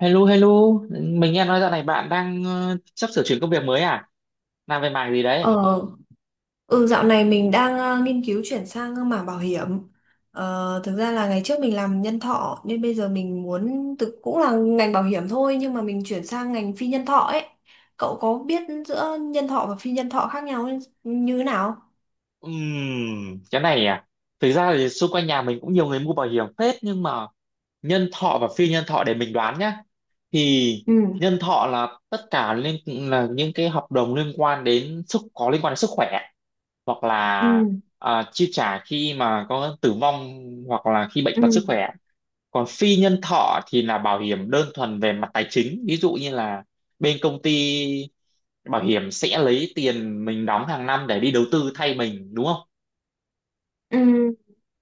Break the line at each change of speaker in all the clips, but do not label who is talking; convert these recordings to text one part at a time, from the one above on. Hello, hello. Mình nghe nói dạo này bạn đang sắp sửa chuyển công việc mới à? Làm về mảng gì đấy?
Ờ, ừ, dạo này mình đang nghiên cứu chuyển sang mảng bảo hiểm. Thực ra là ngày trước mình làm nhân thọ nên bây giờ mình muốn thực cũng là ngành bảo hiểm thôi, nhưng mà mình chuyển sang ngành phi nhân thọ ấy. Cậu có biết giữa nhân thọ và phi nhân thọ khác nhau như thế nào?
Cái này à, thực ra thì xung quanh nhà mình cũng nhiều người mua bảo hiểm phết, nhưng mà nhân thọ và phi nhân thọ để mình đoán nhá. Thì
Ừ.
nhân thọ là tất cả là những cái hợp đồng liên quan đến có liên quan đến sức khỏe, hoặc
Ừ.
là chi trả khi mà có tử vong, hoặc là khi bệnh
Ừ.
tật sức khỏe. Còn phi nhân thọ thì là bảo hiểm đơn thuần về mặt tài chính, ví dụ như là bên công ty bảo hiểm sẽ lấy tiền mình đóng hàng năm để đi đầu tư thay mình, đúng không?
Ừ.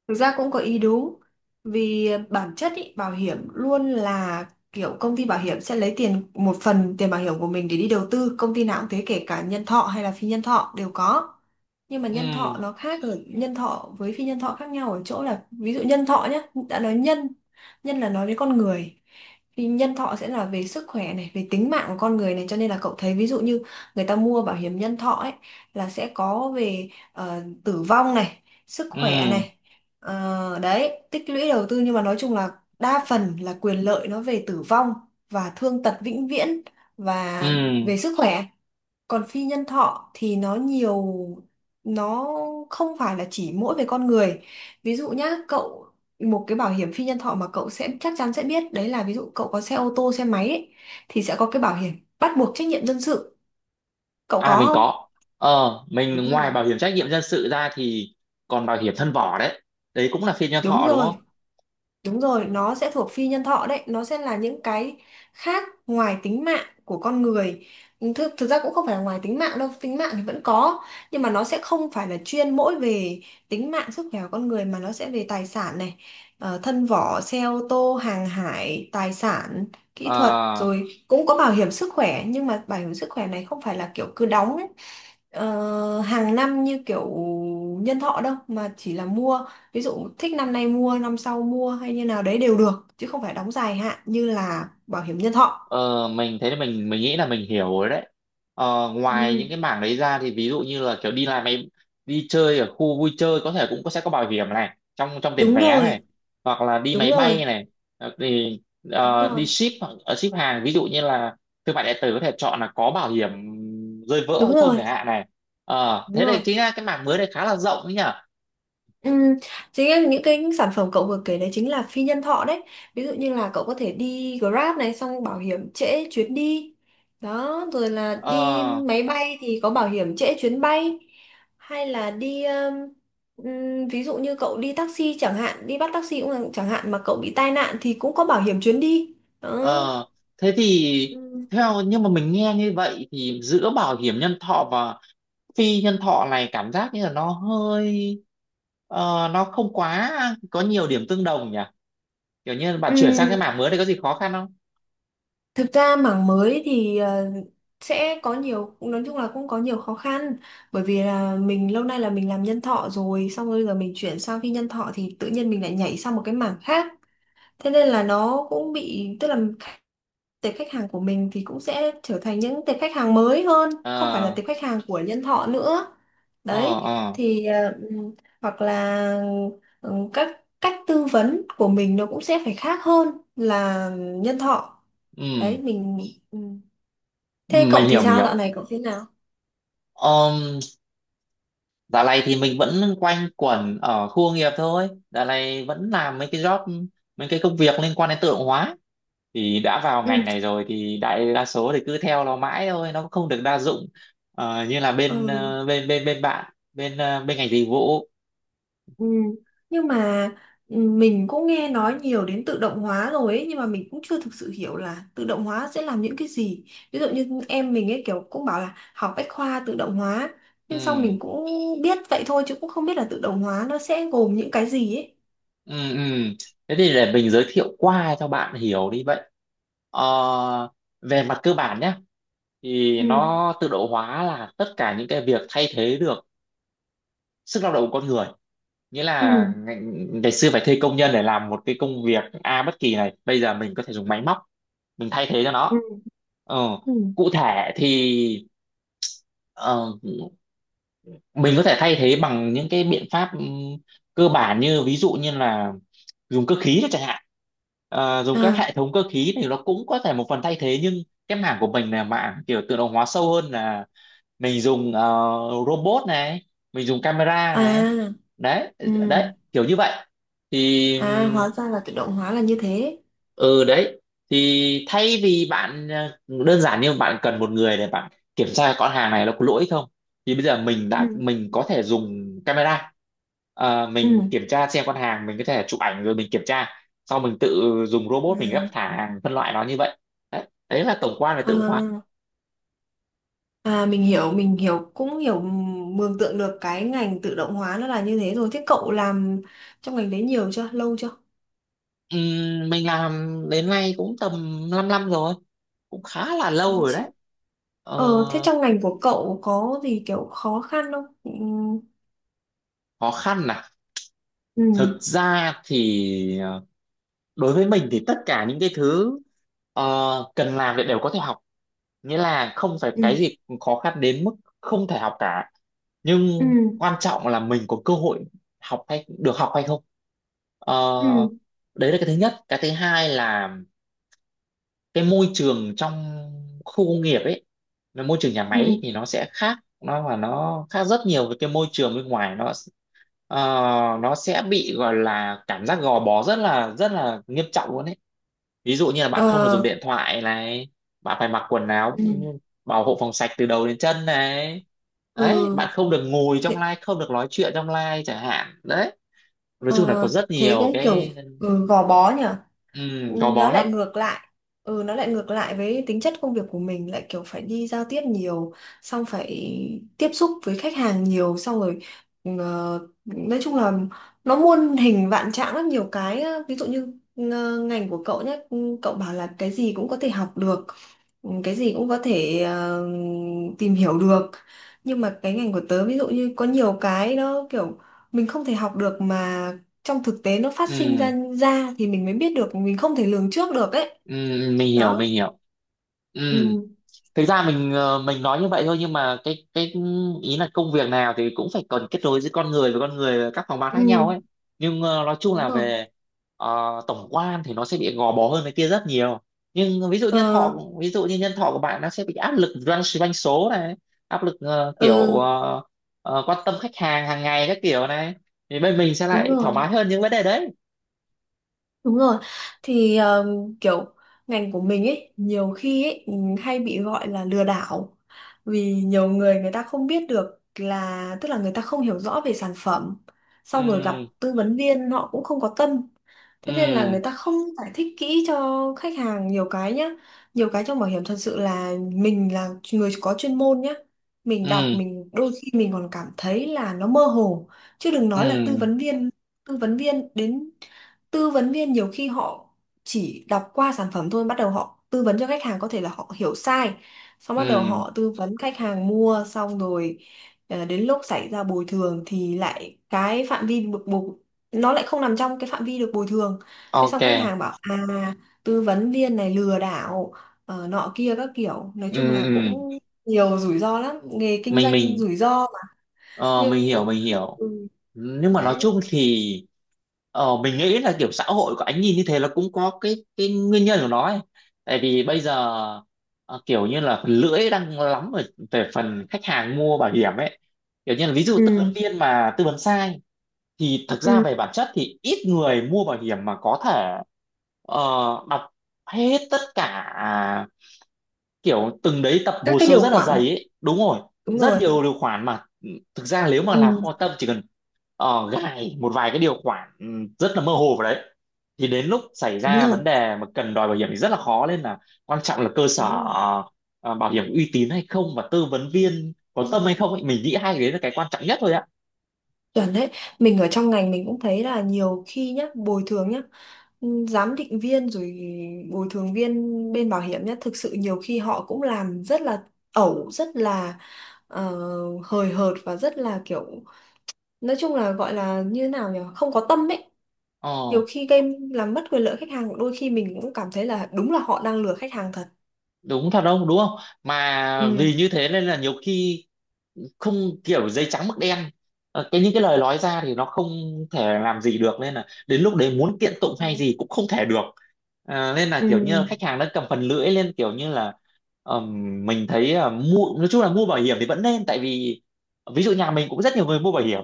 Thực ra cũng có ý đúng, vì bản chất ý, bảo hiểm luôn là kiểu công ty bảo hiểm sẽ lấy tiền, một phần tiền bảo hiểm của mình để đi đầu tư, công ty nào cũng thế, kể cả nhân thọ hay là phi nhân thọ đều có. Nhưng mà nhân
Ừ.
thọ nó khác ở nhân thọ với phi nhân thọ khác nhau ở chỗ là ví dụ nhân thọ nhá, đã nói nhân nhân là nói đến con người, thì nhân thọ sẽ là về sức khỏe này, về tính mạng của con người này, cho nên là cậu thấy ví dụ như người ta mua bảo hiểm nhân thọ ấy là sẽ có về tử vong này, sức khỏe
Ừ.
này, đấy, tích lũy đầu tư, nhưng mà nói chung là đa phần là quyền lợi nó về tử vong và thương tật vĩnh viễn và
Ừ.
về sức khỏe. Còn phi nhân thọ thì nó nhiều, nó không phải là chỉ mỗi về con người. Ví dụ nhá cậu, một cái bảo hiểm phi nhân thọ mà cậu sẽ chắc chắn sẽ biết đấy là ví dụ cậu có xe ô tô xe máy ấy, thì sẽ có cái bảo hiểm bắt buộc trách nhiệm dân sự, cậu
À,
có
mình
không?
có.
Đúng
Mình, ngoài
rồi.
bảo hiểm trách nhiệm dân sự ra thì còn bảo hiểm thân vỏ đấy, đấy cũng là phiên nhân
Đúng
thọ đúng
rồi.
không?
Đúng rồi, nó sẽ thuộc phi nhân thọ đấy, nó sẽ là những cái khác ngoài tính mạng của con người. Ừ, thực ra cũng không phải là ngoài tính mạng đâu, tính mạng thì vẫn có, nhưng mà nó sẽ không phải là chuyên mỗi về tính mạng sức khỏe của con người, mà nó sẽ về tài sản này, thân vỏ, xe ô tô, hàng hải, tài sản, kỹ thuật,
Ờ.
rồi cũng có bảo hiểm sức khỏe, nhưng mà bảo hiểm sức khỏe này không phải là kiểu cứ đóng ấy, hàng năm như kiểu nhân thọ đâu, mà chỉ là mua ví dụ thích năm nay mua, năm sau mua hay như nào đấy đều được, chứ không phải đóng dài hạn như là bảo hiểm nhân thọ.
Ờ, mình thấy là mình nghĩ là mình hiểu rồi đấy. Ờ, ngoài
Ừ.
những cái mảng đấy ra thì ví dụ như là kiểu đi làm mấy, đi chơi ở khu vui chơi có thể cũng có, sẽ có bảo hiểm này trong trong tiền
Đúng
vé này,
rồi.
hoặc là đi
Đúng
máy bay
rồi.
này. Ờ, thì
Đúng
đi
rồi.
ship, hoặc ship hàng, ví dụ như là thương mại điện tử có thể chọn là có bảo hiểm rơi vỡ hay
Đúng
không
rồi.
chẳng hạn này. Ờ,
Đúng
thế đây
rồi.
chính là cái mảng mới này, khá là rộng đấy nhỉ.
Ừ, chính là những cái sản phẩm cậu vừa kể đấy chính là phi nhân thọ đấy. Ví dụ như là cậu có thể đi Grab này, xong bảo hiểm trễ chuyến đi đó, rồi là đi
Ờ.
máy bay thì có bảo hiểm trễ chuyến bay, hay là đi ví dụ như cậu đi taxi chẳng hạn, đi bắt taxi cũng là- chẳng hạn mà cậu bị tai nạn thì cũng có bảo hiểm chuyến đi đó.
Ờ, thế thì
Ừ.
nhưng mà mình nghe như vậy thì giữa bảo hiểm nhân thọ và phi nhân thọ này cảm giác như là nó hơi, nó không quá có nhiều điểm tương đồng nhỉ. Kiểu như bạn
Ừ.
chuyển sang cái mảng mới này có gì khó khăn không?
Thực ra mảng mới thì sẽ có nhiều, cũng nói chung là cũng có nhiều khó khăn, bởi vì là mình lâu nay là mình làm nhân thọ rồi, xong rồi bây giờ mình chuyển sang phi nhân thọ thì tự nhiên mình lại nhảy sang một cái mảng khác, thế nên là nó cũng bị, tức là tệp khách hàng của mình thì cũng sẽ trở thành những tệp khách hàng mới hơn, không phải là
Ờ.
tệp khách hàng của nhân thọ nữa,
Ờ.
đấy.
Ờ.
Thì hoặc là các cách tư vấn của mình nó cũng sẽ phải khác hơn là nhân thọ
Ừ,
đấy, mình, ừ. Thế cậu
mình
thì
hiểu, mình
sao, dạo
hiểu.
này cậu thế nào?
um, dạo này thì mình vẫn quanh quẩn ở khu công nghiệp thôi, dạo này vẫn làm mấy cái job, mấy cái công việc liên quan đến tự động hóa. Thì đã vào
Ừ.
ngành này rồi thì đại đa số thì cứ theo nó mãi thôi, nó cũng không được đa dụng. Ờ, như là bên
Ừ.
ờ, bên bên bên bạn bên bên ngành dịch vụ.
Ừ. Nhưng mà ừ, mình cũng nghe nói nhiều đến tự động hóa rồi ấy, nhưng mà mình cũng chưa thực sự hiểu là tự động hóa sẽ làm những cái gì. Ví dụ như em mình ấy kiểu cũng bảo là học bách khoa tự động hóa, nhưng sau
Ừ.
mình cũng biết vậy thôi chứ cũng không biết là tự động hóa nó sẽ gồm những cái gì ấy.
Ừ. Ừ. Thế thì để mình giới thiệu qua cho bạn hiểu đi vậy. Ờ, về mặt cơ bản nhé, thì
Ừ.
tự động hóa là tất cả những cái việc thay thế được sức lao động của con người. Nghĩa
Ừ.
là ngày xưa phải thuê công nhân để làm một cái công việc A bất kỳ này, bây giờ mình có thể dùng máy móc mình thay thế cho
Ừ.
nó. ờ,
Ừ.
cụ thể thì ờ, mình có thể thay thế bằng những cái biện pháp, cơ bản như ví dụ như là dùng cơ khí đó chẳng hạn. Ờ, dùng các
À.
hệ thống cơ khí thì nó cũng có thể một phần thay thế, nhưng cái mảng của mình là mảng kiểu tự động hóa sâu hơn, là mình dùng robot này, mình dùng camera này,
À.
đấy,
Ừ.
đấy kiểu như vậy. Thì
À, hóa ra là tự động hóa là như thế.
ừ đấy. Thì thay vì bạn đơn giản như bạn cần một người để bạn kiểm tra con hàng này nó có lỗi không, thì bây giờ
Ừ.
mình có thể dùng camera. Ờ,
Ừ.
mình kiểm tra xem con hàng, mình có thể chụp ảnh rồi mình kiểm tra, sau mình tự dùng robot mình gấp thả hàng phân loại nó như vậy. Đấy, đấy là tổng quan về tự động hóa.
Ừ. À, mình hiểu, mình hiểu, cũng hiểu, mường tượng được cái ngành tự động hóa nó là như thế rồi. Thế cậu làm trong ngành đấy nhiều chưa? Lâu chưa?
Mình làm đến nay cũng tầm 5 năm rồi, cũng khá là
Ừ,
lâu rồi đấy. Ờ,
Ờ, thế trong ngành của cậu có gì kiểu khó khăn không? Ừ.
khó khăn à?
Ừ.
Thực ra thì đối với mình thì tất cả những cái thứ ờ, cần làm thì đều có thể học. Nghĩa là không phải
Ừ.
cái gì cũng khó khăn đến mức không thể học cả,
Ừ.
nhưng quan trọng là mình có cơ hội học, hay được học hay không. Ờ, đấy là cái thứ nhất. Cái thứ hai là cái môi trường trong khu công nghiệp ấy, là môi trường nhà
Ừ.
máy ấy, thì nó sẽ khác, nó khác rất nhiều với cái môi trường bên ngoài nó. ờ, nó sẽ bị gọi là cảm giác gò bó rất là nghiêm trọng luôn ấy. Ví dụ như là bạn
ờ,
không được dùng điện thoại này, bạn phải mặc quần áo
ừ.
bảo hộ phòng sạch từ đầu đến chân này,
Ừ,
đấy, bạn không được ngồi trong
thế,
live, không được nói chuyện trong live chẳng hạn đấy. Nói chung là có
ờ,
rất
thế
nhiều
cũng kiểu
cái.
ừ, gò bó nhỉ?
Ừ, gò
Nó
bó lắm.
lại ngược lại, ừ, nó lại ngược lại với tính chất công việc của mình, lại kiểu phải đi giao tiếp nhiều, xong phải tiếp xúc với khách hàng nhiều, xong rồi nói chung là nó muôn hình vạn trạng lắm, nhiều cái á. Ví dụ như ngành của cậu nhé, cậu bảo là cái gì cũng có thể học được, ừ, cái gì cũng có thể tìm hiểu được, nhưng mà cái ngành của tớ ví dụ như có nhiều cái nó kiểu mình không thể học được, mà trong thực tế nó phát sinh
Ừ,
ra ra thì mình mới biết được, mình không thể lường trước được ấy,
ừ, mình hiểu,
đó.
mình hiểu. Ừ.
Ừ,
Thực ra mình, mình nói như vậy thôi, nhưng mà cái ý là công việc nào thì cũng phải cần kết nối giữa con người với con người ở các phòng ban khác nhau ấy.
ừ.
Nhưng nói chung
Đúng
là
rồi.
về tổng quan thì nó sẽ bị gò bó hơn cái kia rất nhiều. Nhưng ví dụ nhân
ờ
thọ, ví dụ như nhân thọ của bạn, nó sẽ bị áp lực doanh doanh số này, áp lực
ừ.
quan tâm khách hàng hàng ngày các kiểu này. Thì bên mình sẽ
Đúng
lại thoải
rồi.
mái hơn những vấn đề đấy.
Đúng rồi, thì kiểu ngành của mình ấy nhiều khi ấy hay bị gọi là lừa đảo, vì nhiều người, người ta không biết được, là tức là người ta không hiểu rõ về sản phẩm, xong rồi gặp
Ừ.
tư vấn viên họ cũng không có tâm, thế nên là
Ừ.
người ta không giải thích kỹ cho khách hàng nhiều cái nhá. Nhiều cái trong bảo hiểm thật sự là mình là người có chuyên môn nhá, mình
Ừ.
đọc mình đôi khi mình còn cảm thấy là nó mơ hồ, chứ đừng nói là tư
Ừ.
vấn viên. Tư vấn viên đến, tư vấn viên nhiều khi họ chỉ đọc qua sản phẩm thôi, bắt đầu họ tư vấn cho khách hàng có thể là họ hiểu sai, xong bắt đầu
Ừ.
họ tư vấn khách hàng mua xong rồi đến lúc xảy ra bồi thường thì lại cái phạm vi được bồi, nó lại không nằm trong cái phạm vi được bồi thường, thế
Ok.
xong khách hàng bảo à, tư vấn viên này lừa đảo, nọ kia các kiểu, nói chung
Ừ.
là
Ừ.
cũng nhiều rủi ro lắm, nghề kinh
mình
doanh
mình
rủi ro mà.
Ờ, mình
Nhưng
hiểu,
cũng,
mình hiểu.
ừ,
Nhưng mà nói
đấy,
chung thì mình nghĩ là kiểu xã hội của anh nhìn như thế là cũng có cái nguyên nhân của nó ấy. Tại vì bây giờ kiểu như là phần lưỡi đang lắm ở về phần khách hàng mua bảo hiểm ấy, kiểu như là ví dụ
ừ.
tư vấn viên mà tư vấn sai, thì thực ra
ừ.
về bản chất thì ít người mua bảo hiểm mà có thể ờ, đọc hết tất cả kiểu từng đấy tập
Các
hồ
cái
sơ
điều
rất là
khoản,
dày ấy, đúng rồi.
đúng
Rất
rồi.
nhiều điều khoản mà, thực ra nếu mà
Ừ,
là kho tâm, chỉ cần gài một vài cái điều khoản rất là mơ hồ vào đấy, thì đến lúc xảy
đúng
ra
rồi,
vấn đề mà cần đòi bảo hiểm thì rất là khó. Nên là quan trọng là cơ sở
đúng rồi.
bảo hiểm uy tín hay không, và tư vấn viên có
Đúng
tâm
rồi.
hay không ấy. Mình nghĩ hai cái đấy là cái quan trọng nhất thôi ạ.
Chuẩn đấy, mình ở trong ngành mình cũng thấy là nhiều khi nhá, bồi thường nhá, ừ, giám định viên rồi bồi thường viên bên bảo hiểm nhá, thực sự nhiều khi họ cũng làm rất là ẩu, rất là ờ, hời hợt, và rất là kiểu, nói chung là gọi là như thế nào nhỉ, không có tâm ấy.
Ờ,
Nhiều khi game làm mất quyền lợi khách hàng, đôi khi mình cũng cảm thấy là đúng là họ đang lừa khách hàng thật.
đúng thật, không đúng không? Mà
Ừ.
vì như thế nên là nhiều khi không kiểu giấy trắng mực đen. Ờ, cái những cái lời nói ra thì nó không thể làm gì được, nên là đến lúc đấy muốn kiện tụng
Đúng
hay
rồi.
gì cũng không thể được. À, nên là
Ừ,
kiểu như là khách hàng đã cầm phần lưỡi lên, kiểu như là, mình thấy, mua nói chung là mua bảo hiểm thì vẫn nên, tại vì ví dụ nhà mình cũng rất nhiều người mua bảo hiểm,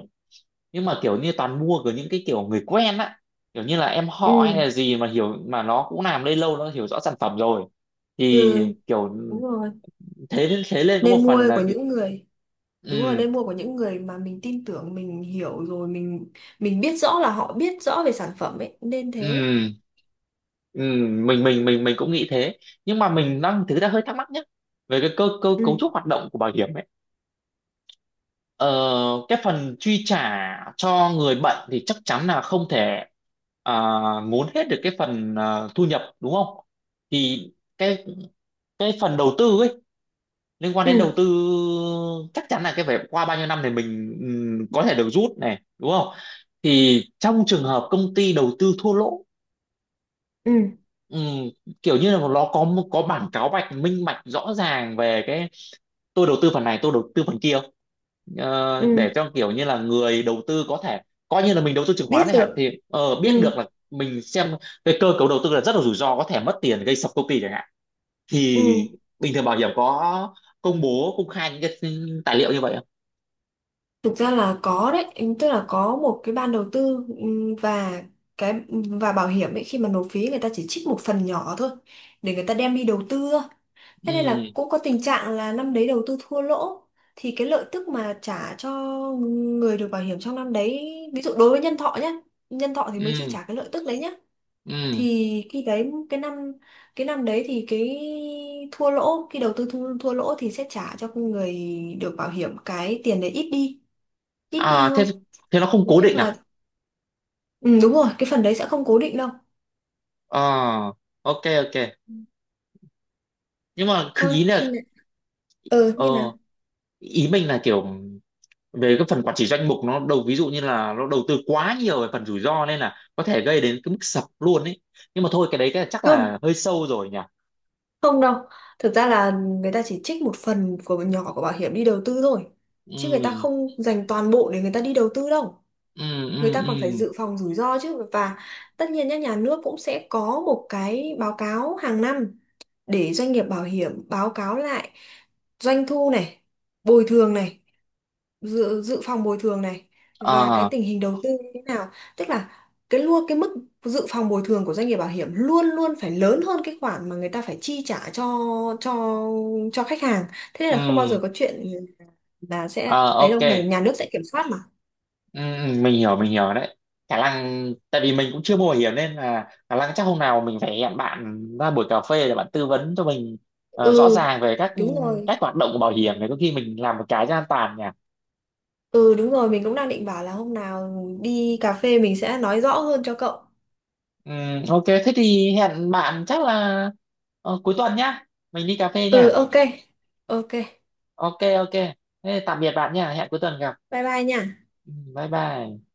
nhưng mà kiểu như toàn mua của những cái kiểu người quen á, kiểu như là em
ừ,
họ hay là gì mà hiểu, mà nó cũng làm đây lâu, nó hiểu rõ sản phẩm rồi
ừ,
thì kiểu
đúng rồi.
thế. Thế lên có một
Nên mua
phần là
của
kiểu.
những người, đúng rồi,
Ừ.
nên mua của những người mà mình tin tưởng, mình hiểu rồi, mình biết rõ là họ biết rõ về sản phẩm ấy, nên thế.
Ừ. Ừ, mình cũng nghĩ thế. Nhưng mà mình đang thực ra hơi thắc mắc nhé, về cái cơ cơ cấu
Ừ,
trúc hoạt động của bảo hiểm ấy. Ờ, cái phần chi trả cho người bệnh thì chắc chắn là không thể, à, muốn hết được cái phần, à, thu nhập đúng không? Thì cái cái phần đầu tư ấy, liên quan đến đầu
ừ,
tư, chắc chắn là cái phải qua bao nhiêu năm thì mình, có thể được rút này đúng không? Thì trong trường hợp công ty đầu tư thua lỗ,
ừ,
ừm, kiểu như là nó có bản cáo bạch minh bạch rõ ràng về cái tôi đầu tư phần này, tôi đầu tư phần kia không?
ừ,
Ờ, để cho kiểu như là người đầu tư có thể coi như là mình đầu tư chứng khoán
biết
chẳng hạn,
được.
thì ờ, biết
Ừ,
được là mình xem cái cơ cấu đầu tư là rất là rủi ro, có thể mất tiền gây sập công ty chẳng hạn.
ừ.
Thì bình thường bảo hiểm có công bố công khai những cái tài liệu như vậy không?
Thực ra là có đấy, ừ, tức là có một cái ban đầu tư, ừ, và cái và bảo hiểm ấy khi mà nộp phí người ta chỉ trích một phần nhỏ thôi để người ta đem đi đầu tư. Thế nên
Ừ.
là cũng có tình trạng là năm đấy đầu tư thua lỗ thì cái lợi tức mà trả cho người được bảo hiểm trong năm đấy, ví dụ đối với nhân thọ nhé, nhân thọ thì mới chi
Ừ.
trả cái lợi tức đấy nhé,
Ừ.
thì khi đấy cái năm, cái năm đấy thì cái thua lỗ khi đầu tư thua lỗ thì sẽ trả cho người được bảo hiểm cái tiền đấy ít đi, ít đi
À thế,
thôi,
thế nó không
nói
cố
chung
định
là
à?
ừ, đúng rồi, cái phần đấy sẽ không cố định đâu.
Ờ, ok, ok. Nhưng mà cứ
Thôi
ý
khi
là,
nào ừ
ờ
như nào,
ý mình là kiểu, về cái phần quản trị danh mục nó ví dụ như là nó đầu tư quá nhiều về phần rủi ro, nên là có thể gây đến cái mức sập luôn ấy. Nhưng mà thôi, cái đấy cái chắc
không.
là hơi sâu rồi nhỉ.
Không đâu, thực ra là người ta chỉ trích một phần của nhỏ của bảo hiểm đi đầu tư thôi. Chứ người ta
Ừ.
không dành toàn bộ để người ta đi đầu tư đâu.
Ừ. Ừ.
Người ta còn phải
Ừ.
dự phòng rủi ro chứ. Và tất nhiên nhá, nhà nước cũng sẽ có một cái báo cáo hàng năm để doanh nghiệp bảo hiểm báo cáo lại doanh thu này, bồi thường này, dự phòng bồi thường này và cái
Ờ.
tình hình đầu tư như thế nào, tức là cái luôn cái mức dự phòng bồi thường của doanh nghiệp bảo hiểm luôn luôn phải lớn hơn cái khoản mà người ta phải chi trả cho cho cho khách hàng, thế nên là không bao giờ
Ừ.
có chuyện là sẽ
Ờ,
thấy
ok.
đâu, ngày nhà nước sẽ kiểm soát mà.
Ừ, ừ, mình hiểu, mình hiểu đấy. Khả năng tại vì mình cũng chưa mua bảo hiểm, nên là khả năng chắc hôm nào mình phải hẹn bạn ra buổi cà phê để bạn tư vấn cho mình rõ
Ừ,
ràng về các
đúng rồi.
cách hoạt động của bảo hiểm này, có khi mình làm một cái cho an toàn nhỉ.
Ừ, đúng rồi, mình cũng đang định bảo là hôm nào đi cà phê mình sẽ nói rõ hơn cho cậu.
Ừ, ok, thế thì hẹn bạn chắc là cuối tuần nhá, mình đi cà phê
Ừ,
nhá.
ok. Ok,
Ok, ok, thế tạm biệt bạn nha, hẹn cuối tuần gặp.
bye bye nha.
Ừ, bye bye.